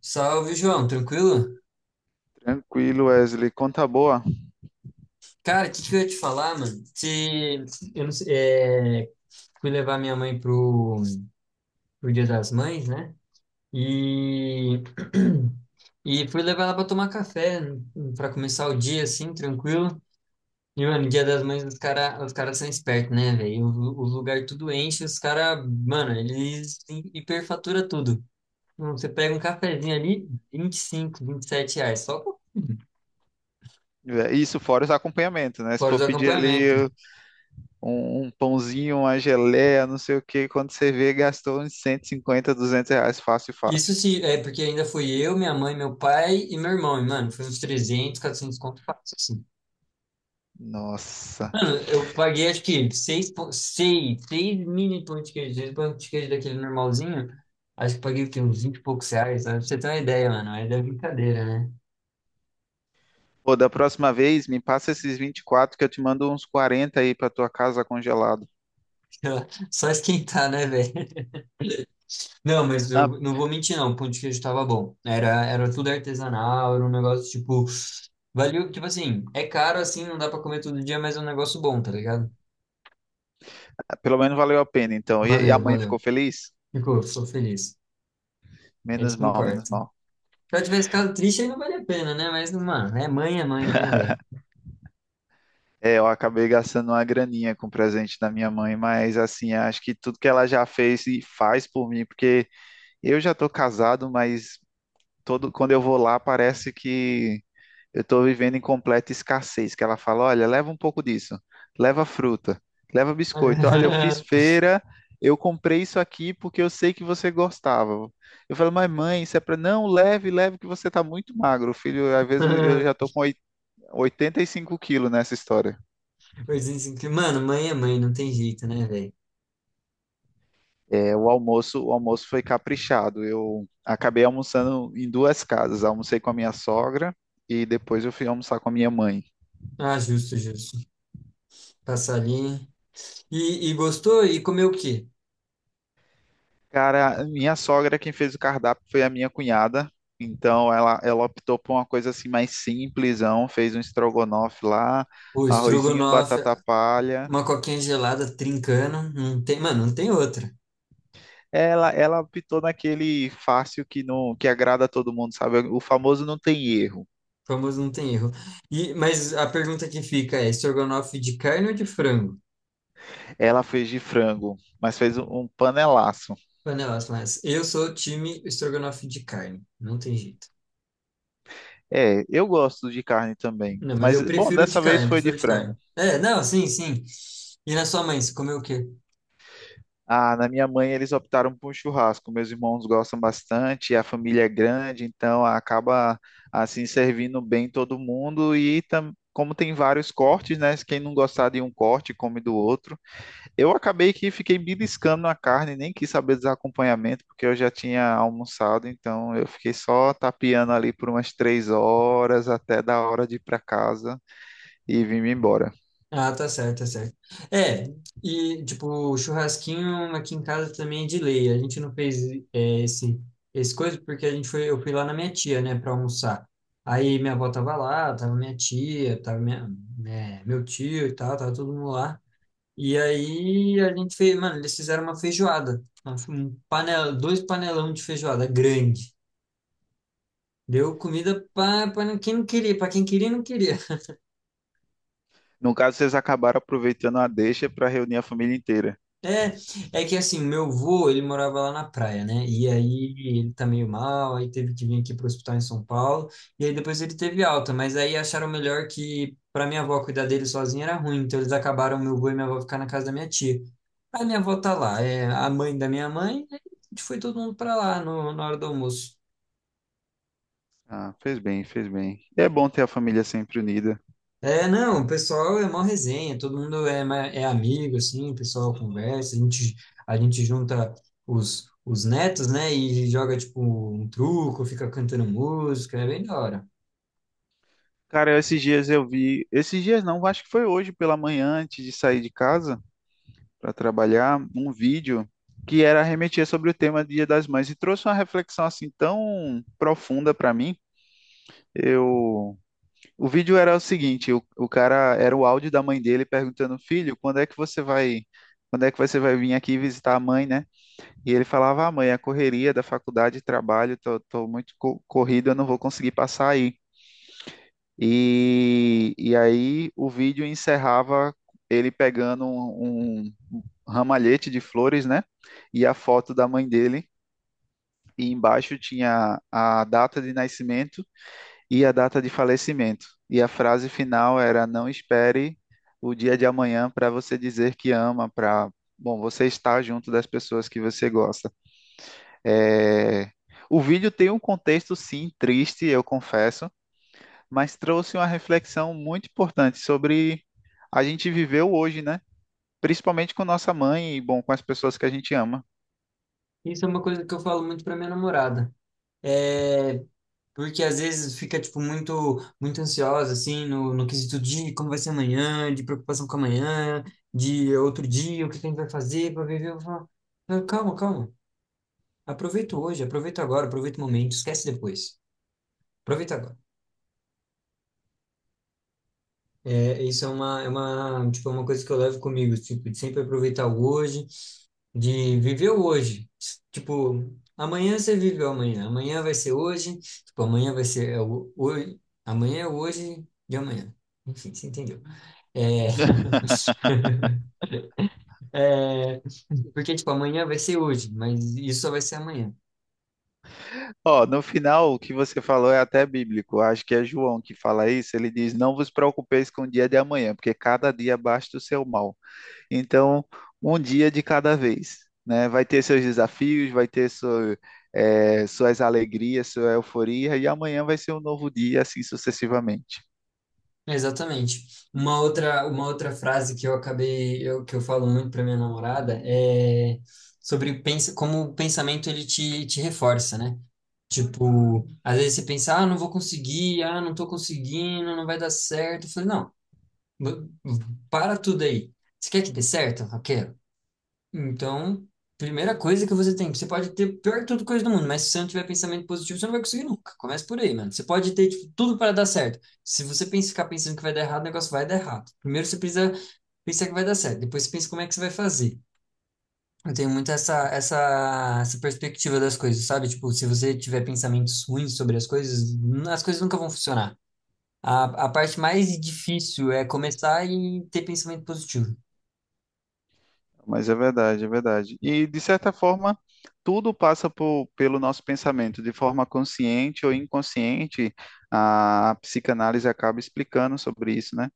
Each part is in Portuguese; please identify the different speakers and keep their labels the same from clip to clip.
Speaker 1: Salve, João, tranquilo?
Speaker 2: Tranquilo, Wesley. Conta boa.
Speaker 1: Cara, o que eu ia te falar, mano? Se eu não sei, é, Fui levar minha mãe pro Dia das Mães, né? E, e fui levar ela pra tomar café, pra começar o dia, assim, tranquilo. E, mano, Dia das Mães, os caras são espertos, né, velho? O lugar tudo enche, os caras, mano, eles hiperfatura tudo. Você pega um cafezinho ali, 25, sete reais, só
Speaker 2: É, isso fora os acompanhamentos, né? Se
Speaker 1: fora
Speaker 2: for
Speaker 1: do
Speaker 2: pedir
Speaker 1: acompanhamento.
Speaker 2: ali um pãozinho, uma geleia, não sei o quê, quando você vê, gastou uns 150 200 reais, fácil,
Speaker 1: Isso
Speaker 2: fácil.
Speaker 1: sim, é porque ainda fui eu, minha mãe, meu pai e meu irmão, e, mano, foi uns 300 400 conto fácil, assim.
Speaker 2: Nossa.
Speaker 1: Eu paguei, acho que, seis mini pão de queijo, seis pão de queijo daquele normalzinho, acho que paguei, o quê, uns 20 e poucos reais, sabe? Pra você ter uma ideia, mano, mas é brincadeira, né?
Speaker 2: Pô, da próxima vez, me passa esses 24 que eu te mando uns 40 aí pra tua casa congelado.
Speaker 1: Só esquentar, né, velho? Não, mas
Speaker 2: Ah,
Speaker 1: eu não vou mentir, não, o pão de queijo tava bom. Era tudo artesanal, era um negócio, tipo, valeu, tipo assim, é caro, assim, não dá pra comer todo dia, mas é um negócio bom, tá ligado?
Speaker 2: pelo menos valeu a pena, então. E a
Speaker 1: Valeu,
Speaker 2: mãe ficou
Speaker 1: valeu.
Speaker 2: feliz?
Speaker 1: Ficou feliz. É isso
Speaker 2: Menos
Speaker 1: que
Speaker 2: mal,
Speaker 1: importa.
Speaker 2: menos
Speaker 1: Se
Speaker 2: mal.
Speaker 1: eu tivesse ficado triste, aí não vale a pena, né? Mas, mano, é mãe, né, velho?
Speaker 2: É, eu acabei gastando uma graninha com o presente da minha mãe, mas assim, acho que tudo que ela já fez e faz por mim, porque eu já tô casado, mas todo quando eu vou lá parece que eu tô vivendo em completa escassez, que ela fala, olha, leva um pouco disso, leva fruta, leva biscoito, olha, eu fiz feira, eu comprei isso aqui porque eu sei que você gostava. Eu falo, mas mãe, isso é para não, leve, leve que você tá muito magro, filho, às vezes eu já tô com 85 quilos nessa história.
Speaker 1: Eu disse assim que, mano, mãe é mãe, não tem jeito, né, velho?
Speaker 2: É, o almoço foi caprichado. Eu acabei almoçando em duas casas. Almocei com a minha sogra e depois eu fui almoçar com a minha mãe.
Speaker 1: Ah, justo, justo. Passar ali. E gostou? E comeu o quê?
Speaker 2: Cara, minha sogra quem fez o cardápio foi a minha cunhada. Então ela optou por uma coisa assim mais simplesão, fez um estrogonofe lá,
Speaker 1: O
Speaker 2: arrozinho,
Speaker 1: estrogonofe,
Speaker 2: batata palha.
Speaker 1: uma coquinha gelada trincando. Não tem, mano, não tem outra.
Speaker 2: Ela optou naquele fácil que não que agrada a todo mundo, sabe? O famoso não tem erro.
Speaker 1: Famoso não tem erro. E, mas a pergunta que fica é: estrogonofe de carne ou de frango?
Speaker 2: Ela fez de frango, mas fez um panelaço.
Speaker 1: Panelas, mas eu sou time estrogonofe de carne. Não tem jeito.
Speaker 2: É, eu gosto de carne também.
Speaker 1: Não, mas
Speaker 2: Mas,
Speaker 1: eu
Speaker 2: bom,
Speaker 1: prefiro de
Speaker 2: dessa vez
Speaker 1: carne, eu
Speaker 2: foi de
Speaker 1: prefiro de carne.
Speaker 2: frango.
Speaker 1: É, não, sim, sim. E na sua mãe, você comeu o quê?
Speaker 2: Ah, na minha mãe eles optaram por um churrasco. Meus irmãos gostam bastante, a família é grande, então acaba assim servindo bem todo mundo. E tam- como tem vários cortes, né? Quem não gostar de um corte, come do outro. Eu acabei que fiquei beliscando a carne, nem quis saber dos acompanhamentos, porque eu já tinha almoçado, então eu fiquei só tapeando ali por umas 3 horas até da hora de ir para casa e vim-me embora.
Speaker 1: Ah, tá certo, tá certo. É, e tipo, o churrasquinho aqui em casa também é de lei. A gente não fez é, esse, esse coisa porque eu fui lá na minha tia, né, pra almoçar. Aí minha avó tava lá, tava minha tia, meu tio e tal, tava todo mundo lá. E aí a gente fez, mano, eles fizeram uma feijoada. Dois panelão de feijoada grande. Deu comida para quem não queria, para quem queria, não queria.
Speaker 2: No caso, vocês acabaram aproveitando a deixa para reunir a família inteira.
Speaker 1: É, é que assim, meu avô, ele morava lá na praia, né? E aí ele tá meio mal, aí teve que vir aqui pro hospital em São Paulo, e aí depois ele teve alta, mas aí acharam melhor que para minha avó cuidar dele sozinha era ruim, então eles acabaram meu avô e minha avó ficar na casa da minha tia. Aí minha avó tá lá, é a mãe da minha mãe, aí a gente foi todo mundo para lá no, na hora do almoço.
Speaker 2: Ah, fez bem, fez bem. É bom ter a família sempre unida.
Speaker 1: É, não, o pessoal é mó resenha, todo mundo é, é amigo, assim, o pessoal conversa, a gente junta os netos, né, e joga, tipo, um truco, fica cantando música, é bem da hora.
Speaker 2: Cara, esses dias eu vi, esses dias não, acho que foi hoje pela manhã, antes de sair de casa para trabalhar, um vídeo que era remetia sobre o tema Dia das Mães e trouxe uma reflexão assim tão profunda para mim. Eu, o vídeo era o seguinte, o cara era o áudio da mãe dele perguntando, filho, quando é que você vai, quando é que você vai vir aqui visitar a mãe, né? E ele falava, ah, mãe, a correria da faculdade, trabalho, tô muito co- corrido, eu não vou conseguir passar aí. E aí o vídeo encerrava ele pegando um ramalhete de flores, né? E a foto da mãe dele. E embaixo tinha a data de nascimento e a data de falecimento. E a frase final era: Não espere o dia de amanhã para você dizer que ama, para, bom, você estar junto das pessoas que você gosta. É, o vídeo tem um contexto, sim, triste, eu confesso, mas trouxe uma reflexão muito importante sobre a gente viveu hoje, né? Principalmente com nossa mãe e, bom, com as pessoas que a gente ama.
Speaker 1: Isso é uma coisa que eu falo muito pra minha namorada, é, porque às vezes fica, tipo, muito ansiosa, assim, no quesito de como vai ser amanhã, de preocupação com amanhã, de outro dia, o que a gente vai fazer pra viver, eu falo, "Não, calma, calma, aproveita hoje, aproveita agora, aproveita o momento, esquece depois. Aproveitar agora. Tipo, é uma coisa que eu levo comigo, tipo, de sempre aproveitar o hoje, de viver o hoje. Tipo, amanhã você vive o amanhã, amanhã vai ser hoje, tipo, amanhã vai ser é o hoje, amanhã é o hoje de amanhã. Enfim, você entendeu. É... é, Porque, tipo, amanhã vai ser hoje, mas isso só vai ser amanhã.
Speaker 2: Ó, no final, o que você falou é até bíblico. Acho que é João que fala isso. Ele diz: Não vos preocupeis com o dia de amanhã, porque cada dia basta o seu mal. Então, um dia de cada vez, né? Vai ter seus desafios, vai ter sua, é, suas alegrias, sua euforia, e amanhã vai ser um novo dia, assim sucessivamente.
Speaker 1: Exatamente. Uma outra frase que que eu falo muito para minha namorada é sobre pensa, como o pensamento te reforça, né? Tipo, às vezes você pensa, ah, não vou conseguir, ah, não tô conseguindo, não vai dar certo. Eu falei, não, b- para tudo aí. Você quer que dê certo? Ok, então, primeira coisa que você tem, você pode ter pior que tudo coisa do mundo, mas se você não tiver pensamento positivo, você não vai conseguir nunca. Começa por aí, mano. Você pode ter, tipo, tudo para dar certo. Se você pensa, ficar pensando que vai dar errado, o negócio vai dar errado. Primeiro você precisa pensar que vai dar certo, depois você pensa como é que você vai fazer. Eu tenho muito essa perspectiva das coisas, sabe? Tipo, se você tiver pensamentos ruins sobre as coisas, as coisas nunca vão funcionar. A parte mais difícil é começar e ter pensamento positivo.
Speaker 2: Mas é verdade, é verdade. E, de certa forma, tudo passa por- pelo nosso pensamento, de forma consciente ou inconsciente, a psicanálise acaba explicando sobre isso, né?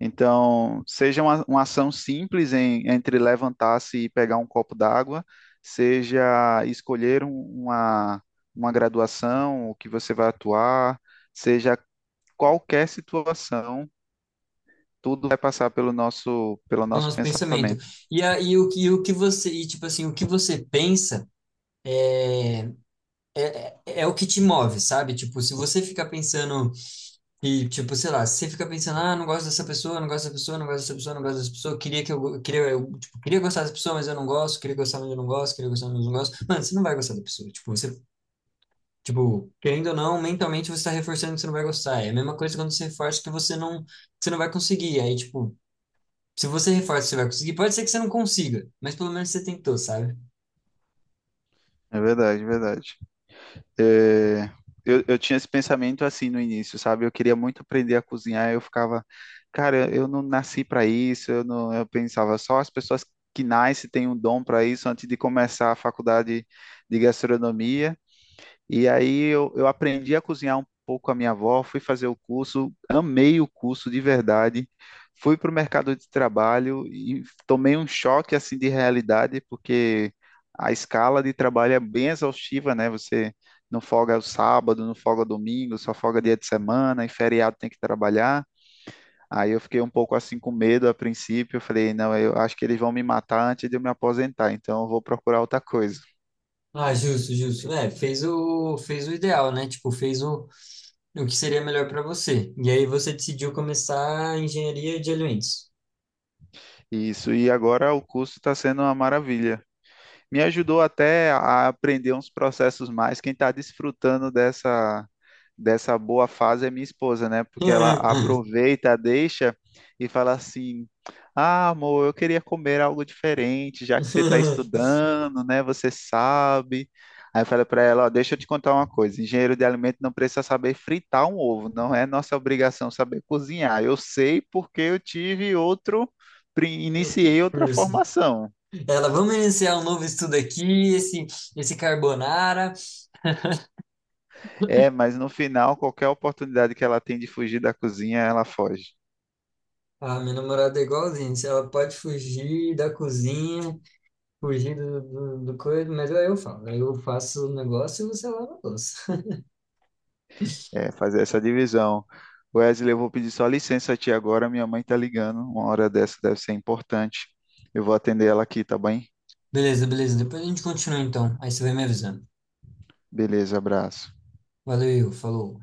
Speaker 2: Então, seja uma ação simples em- entre levantar-se e pegar um copo d'água, seja escolher um- uma, uma graduação, o que você vai atuar, seja qualquer situação, tudo vai passar pelo
Speaker 1: No
Speaker 2: nosso
Speaker 1: nosso pensamento.
Speaker 2: pensamento.
Speaker 1: E aí o que você, e, tipo assim, o que você pensa é o que te move, sabe? Tipo, se você ficar pensando e tipo, sei lá, se você ficar pensando, ah, não gosto dessa pessoa, não gosto dessa pessoa, não gosto dessa pessoa, não gosto dessa pessoa, queria que eu go- queria eu, tipo, queria gostar dessa pessoa, mas eu não gosto, queria gostar, mas eu não gosto, queria gostar, mas eu não gosto. Mano, você não vai gostar da pessoa. Tipo, você tipo, querendo ou não, mentalmente você está reforçando que você não vai gostar. É a mesma coisa quando você reforça que você não vai conseguir. Aí, tipo, se você reforça que você vai conseguir, pode ser que você não consiga, mas pelo menos você tentou, sabe?
Speaker 2: É verdade, é verdade. É, eu tinha esse pensamento assim no início, sabe? Eu queria muito aprender a cozinhar, eu ficava, cara, eu não nasci para isso, eu não, eu pensava só as pessoas que nascem têm um dom para isso antes de começar a faculdade de gastronomia. E aí eu aprendi a cozinhar um pouco com a minha avó, fui fazer o curso, amei o curso de verdade, fui para o mercado de trabalho e tomei um choque assim de realidade, porque a escala de trabalho é bem exaustiva, né? Você não folga o sábado, não folga domingo, só folga dia de semana, e feriado tem que trabalhar. Aí eu fiquei um pouco assim com medo a princípio, eu falei, não, eu acho que eles vão me matar antes de eu me aposentar, então eu vou procurar outra coisa.
Speaker 1: Ah, justo, justo. É, fez o ideal, né? Tipo, o que seria melhor para você. E aí você decidiu começar a engenharia de alimentos.
Speaker 2: Isso, e agora o curso está sendo uma maravilha. Me ajudou até a aprender uns processos mais. Quem está desfrutando dessa, dessa boa fase é minha esposa, né? Porque ela aproveita, deixa e fala assim: Ah, amor, eu queria comer algo diferente, já que você está estudando, né? Você sabe. Aí eu falei para ela: Ó, deixa eu te contar uma coisa: engenheiro de alimento não precisa saber fritar um ovo, não é nossa obrigação saber cozinhar. Eu sei porque eu tive outro, pri-
Speaker 1: Outro
Speaker 2: iniciei outra
Speaker 1: curso.
Speaker 2: formação.
Speaker 1: Ela, vamos iniciar um novo estudo aqui, esse carbonara.
Speaker 2: É, mas no final, qualquer oportunidade que ela tem de fugir da cozinha, ela foge.
Speaker 1: Ah, minha namorada é igualzinha. Se ela pode fugir da cozinha, fugir do coisa, mas aí eu falo. Aí eu faço o negócio e você lava a louça.
Speaker 2: É, fazer essa divisão. Wesley, eu vou pedir só licença a ti agora, minha mãe tá ligando. Uma hora dessa deve ser importante. Eu vou atender ela aqui, tá bem?
Speaker 1: Beleza, beleza. Depois a gente continua então. Aí você vai me avisando.
Speaker 2: Beleza, abraço.
Speaker 1: Valeu, falou.